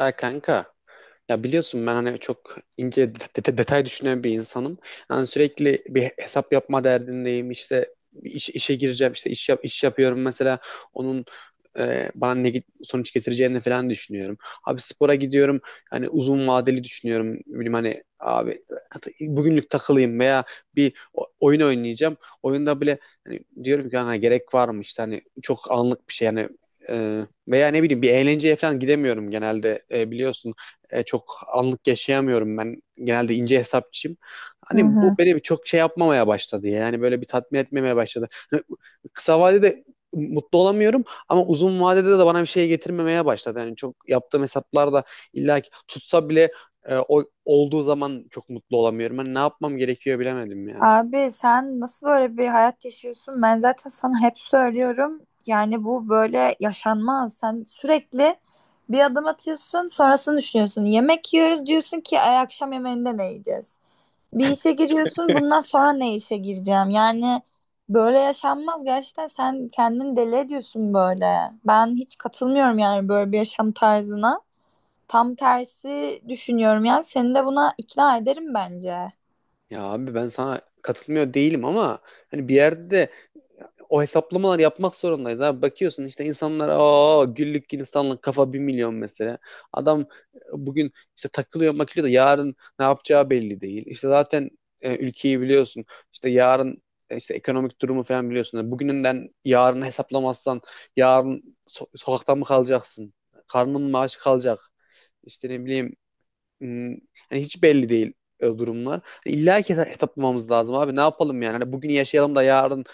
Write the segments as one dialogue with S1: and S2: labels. S1: Ya kanka, ya biliyorsun ben hani çok ince detay düşünen bir insanım. Yani sürekli bir hesap yapma derdindeyim. İşte işe gireceğim, işte iş yap, iş yapıyorum mesela onun bana sonuç getireceğini falan düşünüyorum. Abi spora gidiyorum. Hani uzun vadeli düşünüyorum. Bilmem hani abi bugünlük takılayım veya bir oyun oynayacağım. Oyunda bile hani diyorum ki hani gerek var mı, işte hani çok anlık bir şey yani. E, veya ne bileyim, bir eğlenceye falan gidemiyorum genelde. E, biliyorsun, çok anlık yaşayamıyorum ben. Genelde ince hesapçıyım.
S2: Hı
S1: Hani
S2: hı.
S1: bu beni bir çok şey yapmamaya başladı ya. Yani böyle bir tatmin etmemeye başladı. Hani kısa vadede mutlu olamıyorum ama uzun vadede de bana bir şey getirmemeye başladı. Yani çok yaptığım hesaplar da illa ki tutsa bile, o olduğu zaman çok mutlu olamıyorum. Hani ne yapmam gerekiyor bilemedim ya.
S2: Abi sen nasıl böyle bir hayat yaşıyorsun? Ben zaten sana hep söylüyorum. Yani bu böyle yaşanmaz. Sen sürekli bir adım atıyorsun, sonrasını düşünüyorsun. Yemek yiyoruz diyorsun ki ay akşam yemeğinde ne yiyeceğiz? Bir işe giriyorsun, bundan sonra ne işe gireceğim? Yani böyle yaşanmaz. Gerçekten sen kendini deli ediyorsun böyle. Ben hiç katılmıyorum yani böyle bir yaşam tarzına. Tam tersi düşünüyorum yani. Seni de buna ikna ederim bence.
S1: Ya abi, ben sana katılmıyor değilim ama hani bir yerde de o hesaplamalar yapmak zorundayız abi. Bakıyorsun işte insanlar, aa güllük insanlık kafa, 1.000.000 mesela. Adam bugün işte takılıyor makılıyor da yarın ne yapacağı belli değil. İşte zaten ülkeyi biliyorsun. İşte yarın, işte ekonomik durumu falan biliyorsun. Yani bugününden yarını hesaplamazsan yarın sokakta mı kalacaksın? Karnın mı aç kalacak? İşte ne bileyim, hmm, yani hiç belli değil durumlar. İlla ki hesaplamamız lazım abi. Ne yapalım yani? Hani bugün yaşayalım da yarın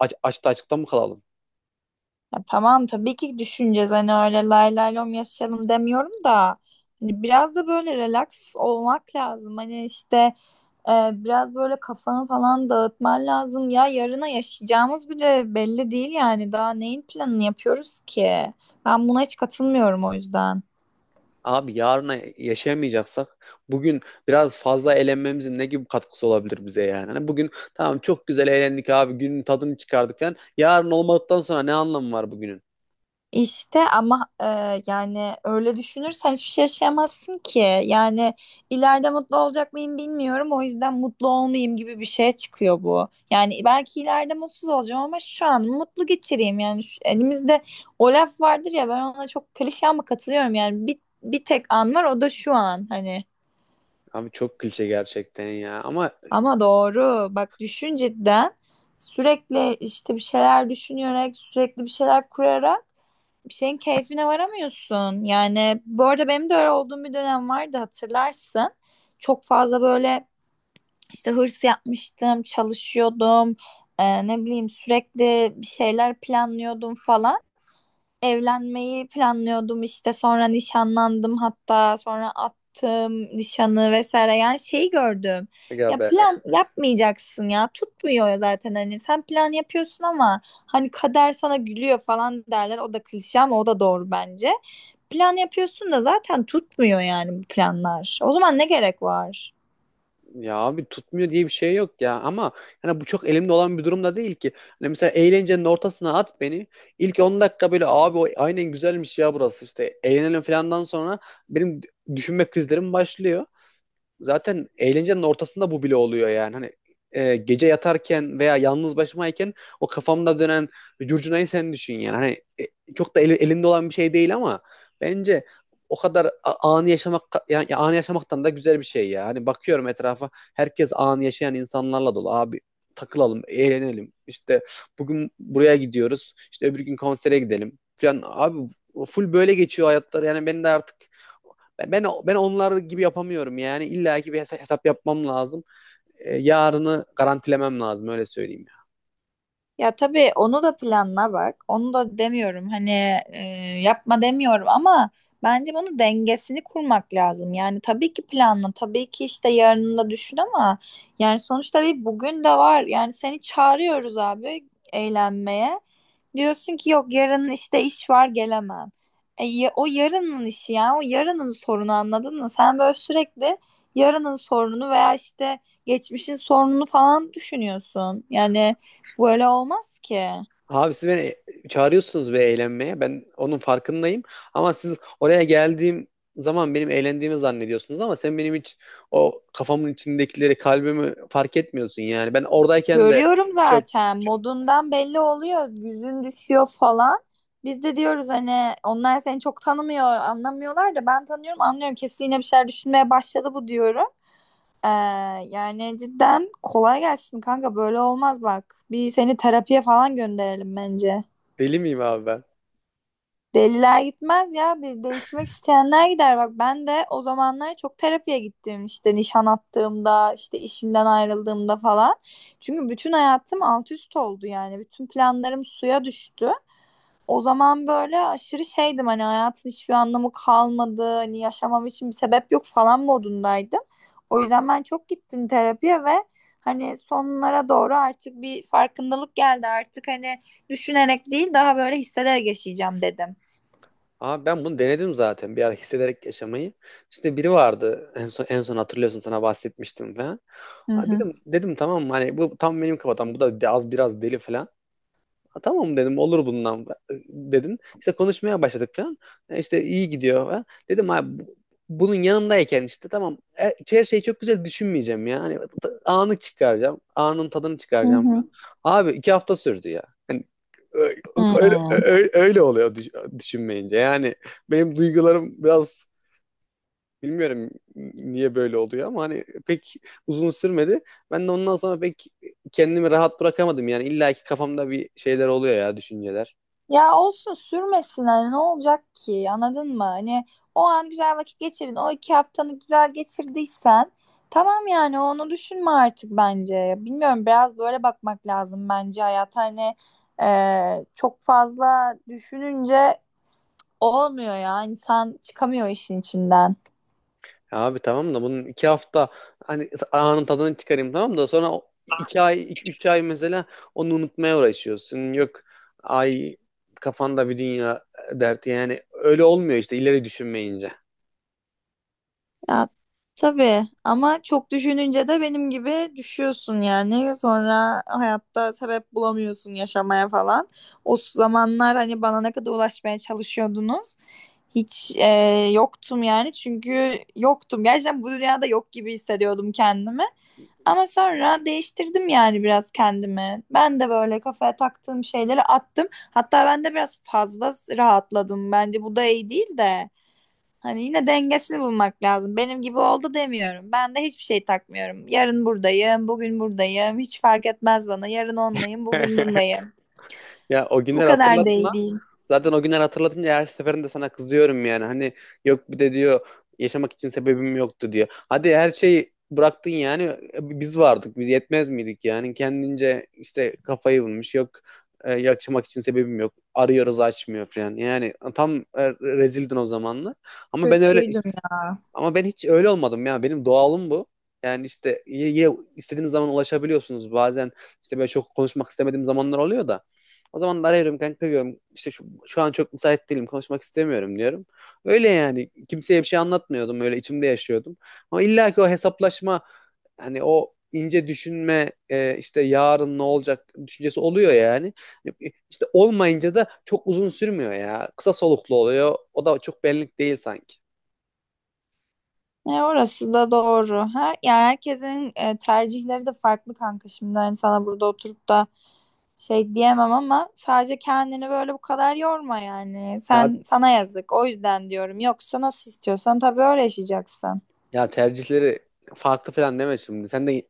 S1: açta açıkta mı kalalım?
S2: Ya tamam tabii ki düşüneceğiz hani öyle lay lay lom yaşayalım demiyorum da hani biraz da böyle relax olmak lazım hani işte biraz böyle kafanı falan dağıtman lazım ya yarına yaşayacağımız bile belli değil yani daha neyin planını yapıyoruz ki ben buna hiç katılmıyorum o yüzden.
S1: Abi yarına yaşayamayacaksak bugün biraz fazla eğlenmemizin ne gibi katkısı olabilir bize yani? Hani bugün tamam, çok güzel eğlendik abi, günün tadını çıkardık falan. Yarın olmadıktan sonra ne anlamı var bugünün?
S2: İşte ama yani öyle düşünürsen hiçbir şey yaşayamazsın ki. Yani ileride mutlu olacak mıyım bilmiyorum. O yüzden mutlu olmayayım gibi bir şeye çıkıyor bu. Yani belki ileride mutsuz olacağım ama şu an mutlu geçireyim. Yani elimizde o laf vardır ya ben ona çok klişe ama katılıyorum. Yani bir tek an var o da şu an hani.
S1: Abi çok klişe gerçekten ya, ama
S2: Ama doğru bak düşün cidden sürekli işte bir şeyler düşünerek sürekli bir şeyler kurarak bir şeyin keyfine varamıyorsun. Yani bu arada benim de öyle olduğum bir dönem vardı hatırlarsın. Çok fazla böyle işte hırs yapmıştım, çalışıyordum. Ne bileyim sürekli bir şeyler planlıyordum falan. Evlenmeyi planlıyordum işte sonra nişanlandım hatta sonra attım nişanı vesaire yani şeyi gördüm.
S1: ya
S2: Ya
S1: be,
S2: plan yapmayacaksın ya tutmuyor ya zaten hani sen plan yapıyorsun ama hani kader sana gülüyor falan derler o da klişe ama o da doğru bence. Plan yapıyorsun da zaten tutmuyor yani bu planlar. O zaman ne gerek var?
S1: ya abi tutmuyor diye bir şey yok ya, ama yani bu çok elimde olan bir durumda değil ki. Hani mesela eğlencenin ortasına at beni. İlk 10 dakika böyle abi, o aynen güzelmiş ya, burası işte eğlenelim falandan sonra benim düşünme krizlerim başlıyor. Zaten eğlencenin ortasında bu bile oluyor yani. Hani gece yatarken veya yalnız başımayken o kafamda dönen curcunayı sen düşün yani. Hani çok da elinde olan bir şey değil ama bence o kadar anı yaşamak, yani anı yaşamaktan da güzel bir şey ya. Hani bakıyorum etrafa, herkes anı yaşayan insanlarla dolu. Abi takılalım, eğlenelim. İşte bugün buraya gidiyoruz, İşte öbür gün konsere gidelim falan. Abi full böyle geçiyor hayatları. Yani ben de artık ben onlar gibi yapamıyorum yani. İlla ki bir hesap yapmam lazım. E, yarını garantilemem lazım öyle söyleyeyim ya.
S2: Ya tabii onu da planla bak. Onu da demiyorum. Hani e, yapma demiyorum ama bence bunun dengesini kurmak lazım. Yani tabii ki planla, tabii ki işte yarını da düşün ama yani sonuçta bir bugün de var. Yani seni çağırıyoruz abi eğlenmeye. Diyorsun ki yok yarın işte iş var gelemem. E, o yarının işi ya. O yarının sorunu anladın mı? Sen böyle sürekli yarının sorununu veya işte geçmişin sorununu falan düşünüyorsun. Yani böyle olmaz ki.
S1: Abi siz beni çağırıyorsunuz ve eğlenmeye. Ben onun farkındayım. Ama siz oraya geldiğim zaman benim eğlendiğimi zannediyorsunuz ama sen benim hiç o kafamın içindekileri, kalbimi fark etmiyorsun yani. Ben oradayken de
S2: Görüyorum
S1: çok
S2: zaten modundan belli oluyor. Yüzün düşüyor falan. Biz de diyoruz hani onlar seni çok tanımıyor, anlamıyorlar da ben tanıyorum, anlıyorum. Kesin yine bir şeyler düşünmeye başladı bu diyorum. Ee, Yani cidden kolay gelsin kanka böyle olmaz bak. Bir seni terapiye falan gönderelim bence.
S1: deli miyim abi ben?
S2: Deliler gitmez ya. Değişmek isteyenler gider. Bak ben de o zamanlar çok terapiye gittim. İşte nişan attığımda, işte işimden ayrıldığımda falan. Çünkü bütün hayatım alt üst oldu yani. Bütün planlarım suya düştü. O zaman böyle aşırı şeydim hani hayatın hiçbir anlamı kalmadı. Hani yaşamam için bir sebep yok falan modundaydım. O yüzden ben çok gittim terapiye ve hani sonlara doğru artık bir farkındalık geldi. Artık hani düşünerek değil daha böyle hissederek yaşayacağım dedim.
S1: Abi ben bunu denedim zaten, bir ara hissederek yaşamayı. İşte biri vardı en son, en son hatırlıyorsun, sana bahsetmiştim falan.
S2: Hı
S1: Ha,
S2: hı.
S1: dedim dedim tamam mı, hani bu tam benim kafadan, bu da az biraz deli falan. Ha, tamam dedim, olur bundan dedin. İşte konuşmaya başladık falan. E, İşte iyi gidiyor falan. Dedim abi bunun yanındayken işte tamam, her şeyi çok güzel düşünmeyeceğim ya. Hani anı çıkaracağım. Anın tadını
S2: Hı
S1: çıkaracağım
S2: hı.
S1: falan. Abi 2 hafta sürdü ya. Hani
S2: Hmm.
S1: öyle oluyor düşünmeyince. Yani benim duygularım biraz, bilmiyorum niye böyle oluyor, ama hani pek uzun sürmedi. Ben de ondan sonra pek kendimi rahat bırakamadım. Yani illa ki kafamda bir şeyler oluyor ya, düşünceler.
S2: Ya olsun sürmesin hani ne olacak ki anladın mı? Hani o an güzel vakit geçirin. O iki haftanı güzel geçirdiysen tamam yani onu düşünme artık bence. Bilmiyorum biraz böyle bakmak lazım bence hayat hani çok fazla düşününce olmuyor ya insan çıkamıyor işin içinden.
S1: Ya abi tamam da bunun 2 hafta hani anın tadını çıkarayım, tamam da sonra o üç ay mesela onu unutmaya uğraşıyorsun. Yok ay, kafanda bir dünya derti, yani öyle olmuyor işte ileri düşünmeyince.
S2: Ya tabii ama çok düşününce de benim gibi düşüyorsun yani. Sonra hayatta sebep bulamıyorsun yaşamaya falan. O zamanlar hani bana ne kadar ulaşmaya çalışıyordunuz. Hiç yoktum yani çünkü yoktum. Gerçekten bu dünyada yok gibi hissediyordum kendimi. Ama sonra değiştirdim yani biraz kendimi. Ben de böyle kafaya taktığım şeyleri attım. Hatta ben de biraz fazla rahatladım. Bence bu da iyi değil de. Hani yine dengesini bulmak lazım. Benim gibi oldu demiyorum. Ben de hiçbir şey takmıyorum. Yarın buradayım, bugün buradayım. Hiç fark etmez bana. Yarın onlayım, bugün bundayım.
S1: Ya o
S2: Bu
S1: günler
S2: kadar
S1: hatırlattın.
S2: değil.
S1: Zaten o günler hatırlatınca her seferinde sana kızıyorum yani. Hani yok bir de diyor yaşamak için sebebim yoktu diyor. Hadi her şeyi bıraktın yani, biz vardık, biz yetmez miydik yani, kendince işte kafayı bulmuş, yok yaşamak için sebebim yok, arıyoruz açmıyor falan, yani tam rezildin o zamanlar, ama ben öyle,
S2: Kötüydüm ya.
S1: ama ben hiç öyle olmadım ya. Benim doğalım bu. Yani işte istediğiniz zaman ulaşabiliyorsunuz. Bazen işte böyle çok konuşmak istemediğim zamanlar oluyor da. O zaman da arıyorum kanka diyorum. İşte şu an çok müsait değilim, konuşmak istemiyorum diyorum. Öyle yani. Kimseye bir şey anlatmıyordum. Öyle içimde yaşıyordum. Ama illa ki o hesaplaşma, hani o ince düşünme, işte yarın ne olacak düşüncesi oluyor yani. E, İşte olmayınca da çok uzun sürmüyor ya. Kısa soluklu oluyor. O da çok benlik değil sanki.
S2: E, orası da doğru. Her, yani herkesin tercihleri de farklı kanka. Şimdi hani sana burada oturup da şey diyemem ama sadece kendini böyle bu kadar yorma yani.
S1: Ya
S2: Sen sana yazık. O yüzden diyorum. Yoksa nasıl istiyorsan tabii öyle yaşayacaksın.
S1: Ya tercihleri farklı falan deme şimdi. Sen de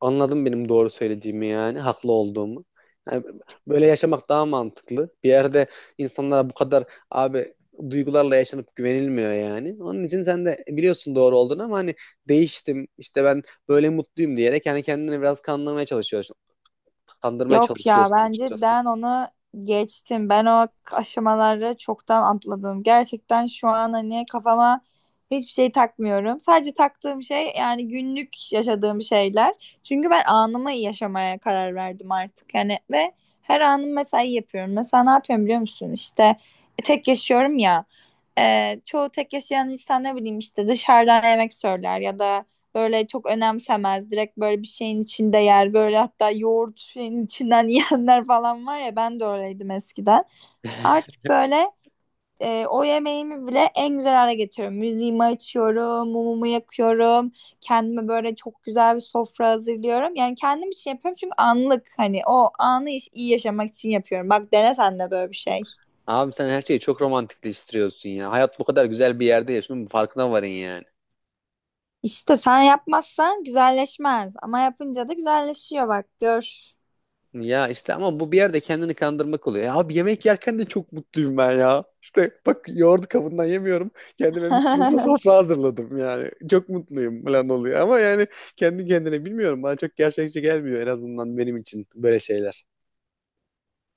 S1: anladın benim doğru söylediğimi yani, haklı olduğumu. Yani böyle yaşamak daha mantıklı. Bir yerde insanlara bu kadar, abi, duygularla yaşanıp güvenilmiyor yani. Onun için sen de biliyorsun doğru olduğunu, ama hani değiştim işte ben, böyle mutluyum diyerek yani kendini biraz kandırmaya çalışıyorsun. Kandırmaya
S2: Yok ya
S1: çalışıyorsun
S2: bence
S1: açıkçası.
S2: Dan onu geçtim. Ben o aşamaları çoktan atladım. Gerçekten şu an hani kafama hiçbir şey takmıyorum. Sadece taktığım şey yani günlük yaşadığım şeyler. Çünkü ben anımı yaşamaya karar verdim artık. Yani ve her anım mesai yapıyorum. Mesela ne yapıyorum biliyor musun? İşte tek yaşıyorum ya. Çoğu tek yaşayan insan ne bileyim işte dışarıdan yemek söyler ya da böyle çok önemsemez. Direkt böyle bir şeyin içinde yer. Böyle hatta yoğurt şeyin içinden yiyenler falan var ya ben de öyleydim eskiden. Artık böyle o yemeğimi bile en güzel hale getiriyorum. Müziğimi açıyorum, mumumu yakıyorum. Kendime böyle çok güzel bir sofra hazırlıyorum. Yani kendim için yapıyorum çünkü anlık hani o anı iyi yaşamak için yapıyorum. Bak dene sen de böyle bir şey.
S1: Abi sen her şeyi çok romantikleştiriyorsun ya. Hayat bu kadar güzel bir yerde yaşıyor, bunun farkına varın yani.
S2: İşte sen yapmazsan güzelleşmez ama yapınca da güzelleşiyor bak gör.
S1: Ya işte ama bu bir yerde kendini kandırmak oluyor. Ya abi, yemek yerken de çok mutluyum ben ya. İşte bak, yoğurdu kabından yemiyorum. Kendime mis gibi sofra hazırladım yani. Çok mutluyum falan oluyor. Ama yani kendi kendine bilmiyorum. Bana çok gerçekçi gelmiyor, en azından benim için böyle şeyler.